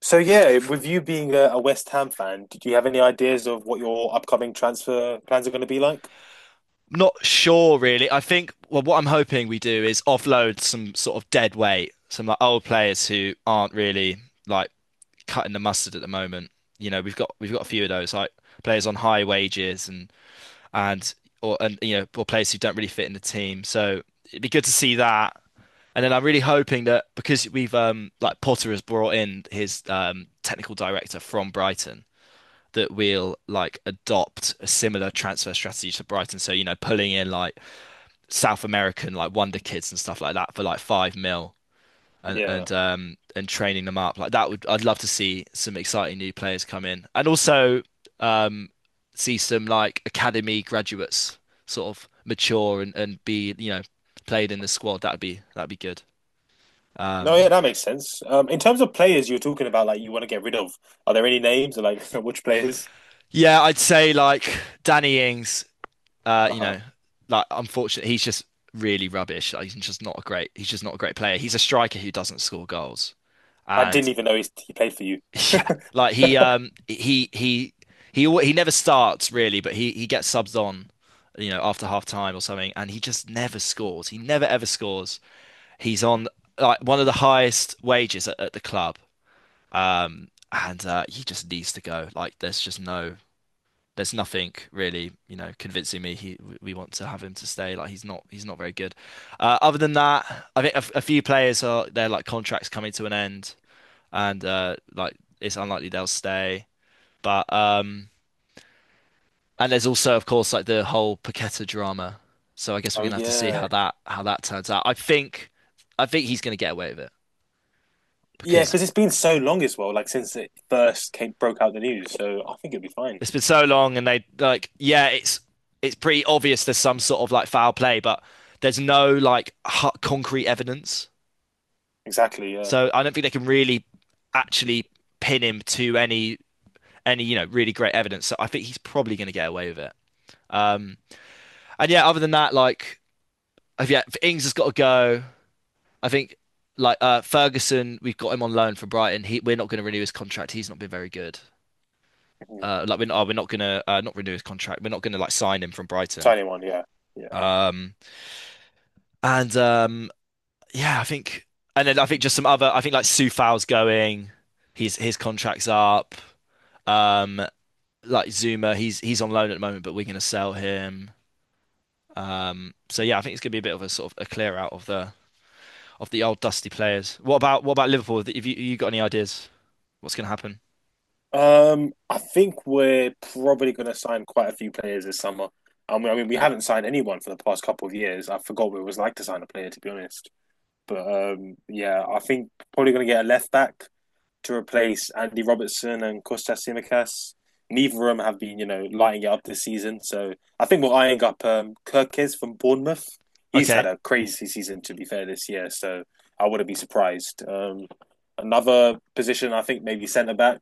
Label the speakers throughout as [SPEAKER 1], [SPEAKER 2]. [SPEAKER 1] So yeah, with you being a West Ham fan, did you have any ideas of what your upcoming transfer plans are going to be like?
[SPEAKER 2] Not sure, really. What I'm hoping we do is offload some sort of dead weight, some old players who aren't really like cutting the mustard at the moment. You know, we've got a few of those, like players on high wages and or and you know, or players who don't really fit in the team. So it'd be good to see that. And then I'm really hoping that because we've like Potter has brought in his technical director from Brighton, that we'll adopt a similar transfer strategy to Brighton. So, pulling in like South American wonder kids and stuff like that for like five mil and
[SPEAKER 1] Yeah.
[SPEAKER 2] and um and training them up like that would I'd love to see some exciting new players come in. And also um see some like academy graduates sort of mature and be, you know, played in the squad. That'd be good.
[SPEAKER 1] No,
[SPEAKER 2] um
[SPEAKER 1] yeah, that makes sense. In terms of players you're talking about, like you want to get rid of, are there any names or like which players?
[SPEAKER 2] yeah, I'd say like Danny Ings, uh you
[SPEAKER 1] Uh-huh.
[SPEAKER 2] know unfortunately he's just really rubbish. Like, he's just not a great player. He's a striker who doesn't score goals.
[SPEAKER 1] I didn't
[SPEAKER 2] and
[SPEAKER 1] even know he played for you.
[SPEAKER 2] Yeah, like he never starts really, but he gets subs on, you know, after half time or something, and he just never scores. He never ever scores. He's on like one of the highest wages at the club, and he just needs to go. Like there's just no, there's nothing really, you know, convincing me he we want to have him to stay. Like he's not very good. Other than that, I think a few players are, their like contracts coming to an end, and it's unlikely they'll stay. But and there's also, of course, like the whole Paqueta drama. So I guess we're
[SPEAKER 1] Oh
[SPEAKER 2] gonna have to see how
[SPEAKER 1] yeah,
[SPEAKER 2] that turns out. I think he's gonna get away with it
[SPEAKER 1] yeah,
[SPEAKER 2] because
[SPEAKER 1] because it's been so long as well, like since it first came broke out the news. So I think it'll be fine.
[SPEAKER 2] it's been so long, and they like yeah, it's pretty obvious there's some sort of like foul play, but there's no concrete evidence.
[SPEAKER 1] Exactly. Yeah.
[SPEAKER 2] So I don't think they can really actually pin him to any you know really great evidence. So I think he's probably gonna get away with it. Um, and yeah, other than that, if Ings has got to go. I think Ferguson, we've got him on loan for Brighton. We're not going to renew his contract. He's not been very good.
[SPEAKER 1] Mhm.
[SPEAKER 2] We're not going to not renew his contract. We're not going to like sign him from Brighton.
[SPEAKER 1] Tiny one. Yeah. Yeah.
[SPEAKER 2] Um, and yeah, I think, and then I think just some other. I think like Sufao's going. His contract's up. Um, like Zuma, he's on loan at the moment, but we're going to sell him. So yeah, I think it's going to be a bit of a sort of a clear out of the old dusty players. What about Liverpool? Have you got any ideas? What's going to happen?
[SPEAKER 1] I think we're probably going to sign quite a few players this summer. I mean, we haven't signed anyone for the past couple of years. I forgot what it was like to sign a player, to be honest. But yeah, I think probably going to get a left back to replace Andy Robertson and Kostas Simikas. Neither of them have been, you know, lighting it up this season. So I think we're eyeing up Kirk from Bournemouth. He's had
[SPEAKER 2] Okay.
[SPEAKER 1] a crazy season, to be fair, this year. So I wouldn't be surprised. Another position, I think, maybe centre back,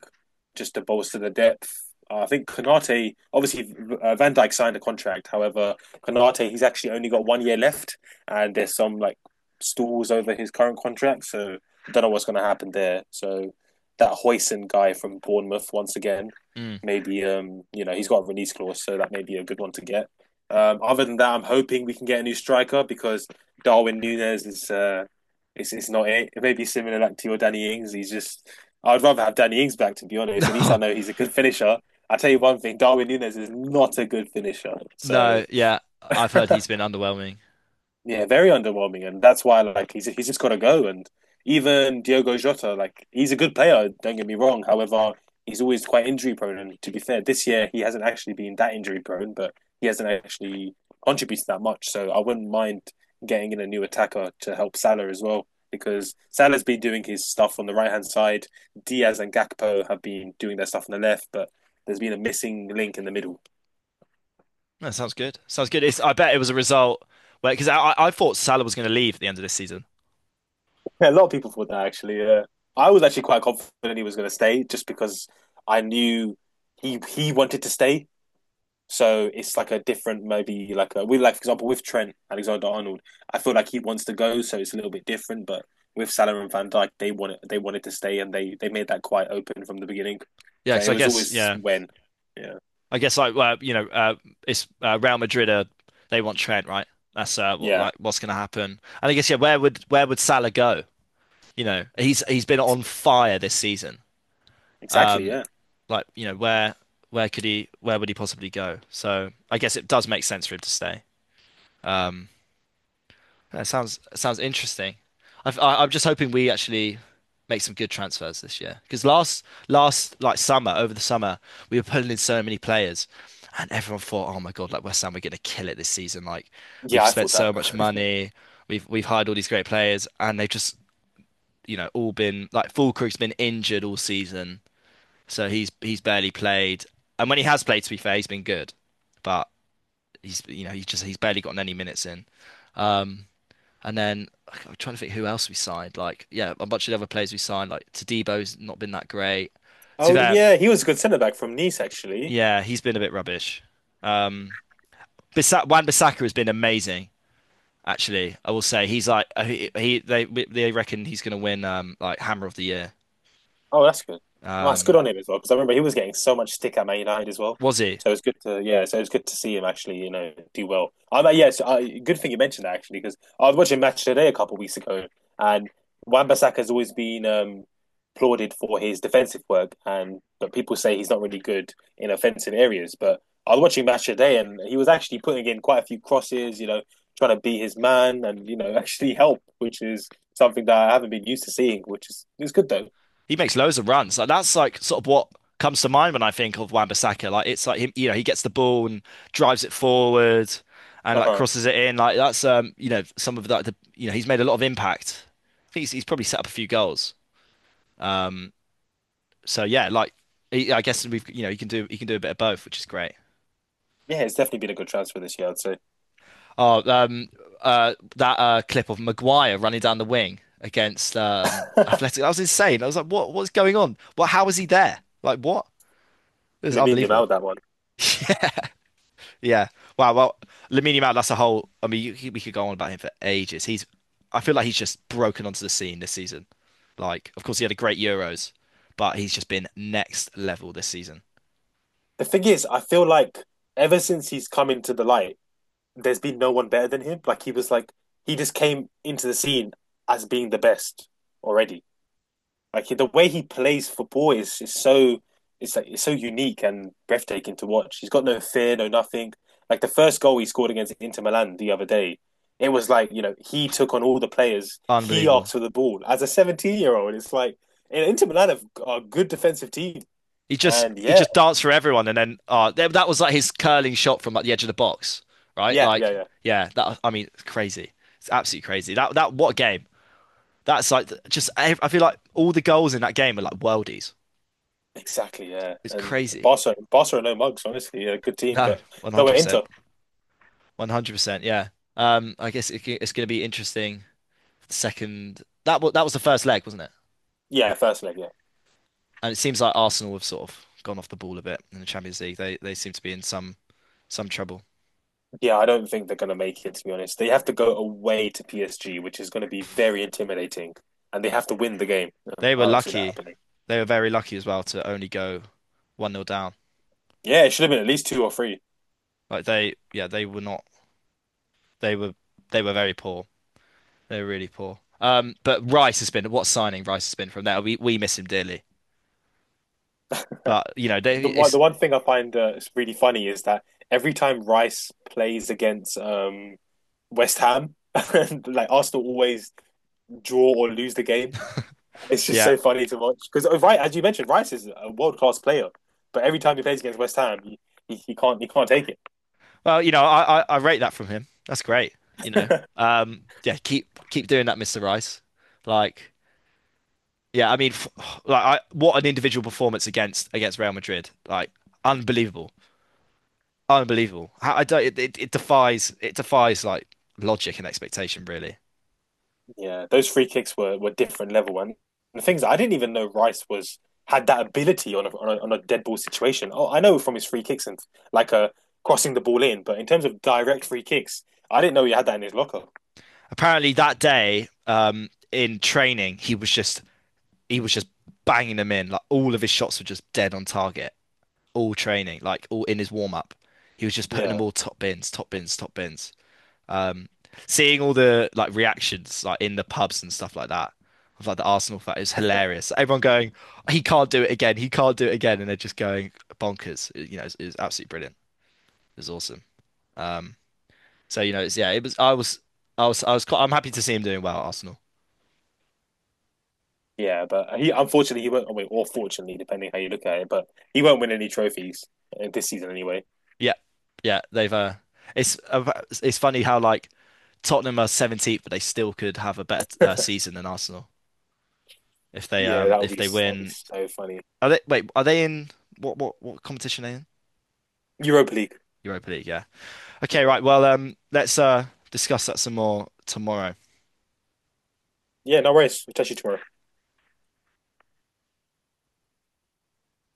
[SPEAKER 1] just to bolster the depth. I think Konate, obviously, Van Dijk signed a contract. However, Konate, he's actually only got 1 year left, and there's some like stalls over his current contract. So I don't know what's going to happen there. So that Hoyson guy from Bournemouth once again.
[SPEAKER 2] Mm.
[SPEAKER 1] Maybe you know he's got a release clause, so that may be a good one to get. Other than that, I'm hoping we can get a new striker because Darwin Nunes is is not it. It may be similar like to your Danny Ings. He's just. I'd rather have Danny Ings back to be honest. At least I
[SPEAKER 2] No,
[SPEAKER 1] know he's a good finisher. I tell you one thing, Darwin Nunes is not a good finisher. So
[SPEAKER 2] no, yeah. I've heard he's been underwhelming.
[SPEAKER 1] Yeah, very underwhelming, and that's why like he's just got to go. And even Diogo Jota, like he's a good player. Don't get me wrong. However, he's always quite injury prone. And to be fair, this year he hasn't actually been that injury prone, but he hasn't actually contributed that much. So I wouldn't mind getting in a new attacker to help Salah as well, because Salah's been doing his stuff on the right hand side. Diaz and Gakpo have been doing their stuff on the left, but there's been a missing link in the middle.
[SPEAKER 2] That sounds good. Sounds good. It's, I bet it was a result where, because I thought Salah was going to leave at the end of this season.
[SPEAKER 1] Yeah, a lot of people thought that actually. Yeah, I was actually quite confident he was going to stay just because I knew he wanted to stay. So it's like a different, maybe like a, we like for example with Trent Alexander Arnold, I feel like he wants to go, so it's a little bit different. But with Salah and Van Dijk, they wanted to stay, and they made that quite open from the beginning.
[SPEAKER 2] Yeah,
[SPEAKER 1] So
[SPEAKER 2] because
[SPEAKER 1] it
[SPEAKER 2] I
[SPEAKER 1] was
[SPEAKER 2] guess
[SPEAKER 1] always
[SPEAKER 2] yeah,
[SPEAKER 1] when, yeah,
[SPEAKER 2] I guess like well, you know, it's Real Madrid. They want Trent, right? That's
[SPEAKER 1] yeah,
[SPEAKER 2] what's going to happen. And I guess, yeah, where would Salah go? You know, he's been on fire this season.
[SPEAKER 1] exactly,
[SPEAKER 2] Um,
[SPEAKER 1] yeah,
[SPEAKER 2] like you know, where where would he possibly go? So I guess it does make sense for him to stay. Um. That sounds interesting. I'm just hoping we actually make some good transfers this year, because last last like summer over the summer we were pulling in so many players, and everyone thought, oh my God, like West Ham, we're gonna kill it this season. Like
[SPEAKER 1] yeah.
[SPEAKER 2] we've
[SPEAKER 1] I
[SPEAKER 2] spent
[SPEAKER 1] thought that.
[SPEAKER 2] so much money, we've hired all these great players, and they've just, you know, all been like Fulkrug's been injured all season, so he's barely played, and when he has played, to be fair, he's been good, but he's you know he's just he's barely gotten any minutes in. Um, I'm trying to think who else we signed. Like, yeah, a bunch of the other players we signed. Like Tadebo's not been that great. To
[SPEAKER 1] Oh
[SPEAKER 2] that,
[SPEAKER 1] yeah, he was a good centre back from Nice actually.
[SPEAKER 2] yeah, he's been a bit rubbish. Um, Bisa Wan-Bissaka has been amazing. Actually, I will say he's like he they reckon he's going to win like Hammer of the Year.
[SPEAKER 1] Oh, that's good. Nice, good
[SPEAKER 2] Um,
[SPEAKER 1] on him as well. Because I remember he was getting so much stick at Man United as well.
[SPEAKER 2] was he?
[SPEAKER 1] So it's good to yeah. So it's good to see him actually, you know, do well. I mean, yes, I, good thing you mentioned that actually because I was watching Match Today a couple of weeks ago, and Wan-Bissaka has always been applauded for his defensive work, and but people say he's not really good in offensive areas. But I was watching Match Today, and he was actually putting in quite a few crosses, you know, trying to be his man and you know actually help, which is something that I haven't been used to seeing, which is it's good though.
[SPEAKER 2] He makes loads of runs. Like that's like sort of what comes to mind when I think of Wan-Bissaka. Like it's like him, you know, he gets the ball and drives it forward and
[SPEAKER 1] Uh
[SPEAKER 2] like
[SPEAKER 1] huh.
[SPEAKER 2] crosses it in. Like that's you know, some of that the, you know, he's made a lot of impact. He's probably set up a few goals. Um, yeah, like I guess we've, you know, he can do a bit of both, which is great.
[SPEAKER 1] Yeah, it's definitely been a good transfer this year, I'd say.
[SPEAKER 2] Oh, um, that clip of Maguire running down the wing against Athletic. That was insane. I was like, what, what's going on? What how is he there? Like what? It was
[SPEAKER 1] Lamine
[SPEAKER 2] unbelievable.
[SPEAKER 1] Yamal, that one.
[SPEAKER 2] Yeah. Wow. Well, Lamine Yamal, that's a whole. We could go on about him for ages. He's. I feel like he's just broken onto the scene this season. Like, of course, he had a great Euros, but he's just been next level this season.
[SPEAKER 1] The thing is, I feel like ever since he's come into the light, there's been no one better than him. Like he was like he just came into the scene as being the best already. Like the way he plays football is so it's so unique and breathtaking to watch. He's got no fear, no nothing. Like the first goal he scored against Inter Milan the other day, it was like you know he took on all the players. He asked
[SPEAKER 2] Unbelievable.
[SPEAKER 1] for the ball as a 17-year-old. It's like and Inter Milan have, are a good defensive team, and
[SPEAKER 2] He
[SPEAKER 1] yeah,
[SPEAKER 2] just danced for everyone, and then that was like his curling shot from like the edge of the box, right?
[SPEAKER 1] yeah, yeah,
[SPEAKER 2] Like,
[SPEAKER 1] yeah,
[SPEAKER 2] yeah. That I mean, it's crazy. It's absolutely crazy. That that What a game. That's like just. I feel like all the goals in that game are like worldies.
[SPEAKER 1] exactly, yeah.
[SPEAKER 2] It's
[SPEAKER 1] And
[SPEAKER 2] crazy.
[SPEAKER 1] Barca are no mugs, honestly. A good team,
[SPEAKER 2] No,
[SPEAKER 1] but
[SPEAKER 2] one
[SPEAKER 1] no,
[SPEAKER 2] hundred
[SPEAKER 1] we're
[SPEAKER 2] percent.
[SPEAKER 1] Inter.
[SPEAKER 2] 100%, yeah. I guess it's going to be interesting. Second, that was the first leg, wasn't it?
[SPEAKER 1] Yeah, first leg, yeah.
[SPEAKER 2] And it seems like Arsenal have sort of gone off the ball a bit in the Champions League. They seem to be in some trouble.
[SPEAKER 1] Yeah, I don't think they're going to make it, to be honest. They have to go away to PSG, which is going to be very intimidating, and they have to win the game.
[SPEAKER 2] They were
[SPEAKER 1] I don't see that
[SPEAKER 2] lucky.
[SPEAKER 1] happening.
[SPEAKER 2] They were very lucky as well to only go one nil down.
[SPEAKER 1] Yeah, it should have been at least two or three.
[SPEAKER 2] Like they, yeah, they were not. They were they were very poor. They were really poor. But Rice has been, what, signing Rice has been from there. We miss him dearly. But you know, they
[SPEAKER 1] The one,
[SPEAKER 2] it's
[SPEAKER 1] the one thing I find is really funny is that every time Rice plays against West Ham, like Arsenal always draw or lose the game. It's just
[SPEAKER 2] yeah.
[SPEAKER 1] so funny to watch because, right, as you mentioned, Rice is a world class player, but every time he plays against West Ham, he can't take it.
[SPEAKER 2] Well, you know, I rate that from him. That's great. You know, yeah, keep doing that, Mr. Rice. Like, yeah, I mean, f what an individual performance against Real Madrid. Like, unbelievable, unbelievable. How- I don't. It defies, it defies like logic and expectation, really.
[SPEAKER 1] Yeah, those free kicks were different level, and the things I didn't even know Rice was had that ability on a dead ball situation. Oh, I know from his free kicks and like a crossing the ball in, but in terms of direct free kicks, I didn't know he had that in his locker.
[SPEAKER 2] Apparently, that day, in training, he was just banging them in. Like, all of his shots were just dead on target. All training, like all in his warm up, he was just putting them
[SPEAKER 1] Yeah,
[SPEAKER 2] all top bins, top bins, top bins. Um, Seeing all the like reactions like in the pubs and stuff like that of like the Arsenal fan is hilarious. Everyone going, he can't do it again, and they're just going bonkers. It's absolutely brilliant. It's awesome. Um, so you know, it's yeah, it was I was I was I was quite, I'm happy to see him doing well at Arsenal.
[SPEAKER 1] yeah, but he unfortunately he won't. I mean, or fortunately, depending how you look at it, but he won't win any trophies this season anyway.
[SPEAKER 2] Yeah, yeah, they've it's uh, it's funny how like Tottenham are 17th, but they still could have a better season than Arsenal
[SPEAKER 1] Yeah, that would
[SPEAKER 2] if
[SPEAKER 1] be
[SPEAKER 2] they
[SPEAKER 1] that would be
[SPEAKER 2] win.
[SPEAKER 1] so funny.
[SPEAKER 2] Are they, wait? Are they in what competition are they in?
[SPEAKER 1] Europa League.
[SPEAKER 2] Europa League, yeah. Okay,
[SPEAKER 1] Yeah,
[SPEAKER 2] right. Well, let's discuss that some more tomorrow.
[SPEAKER 1] yeah, no worries. We'll touch you tomorrow.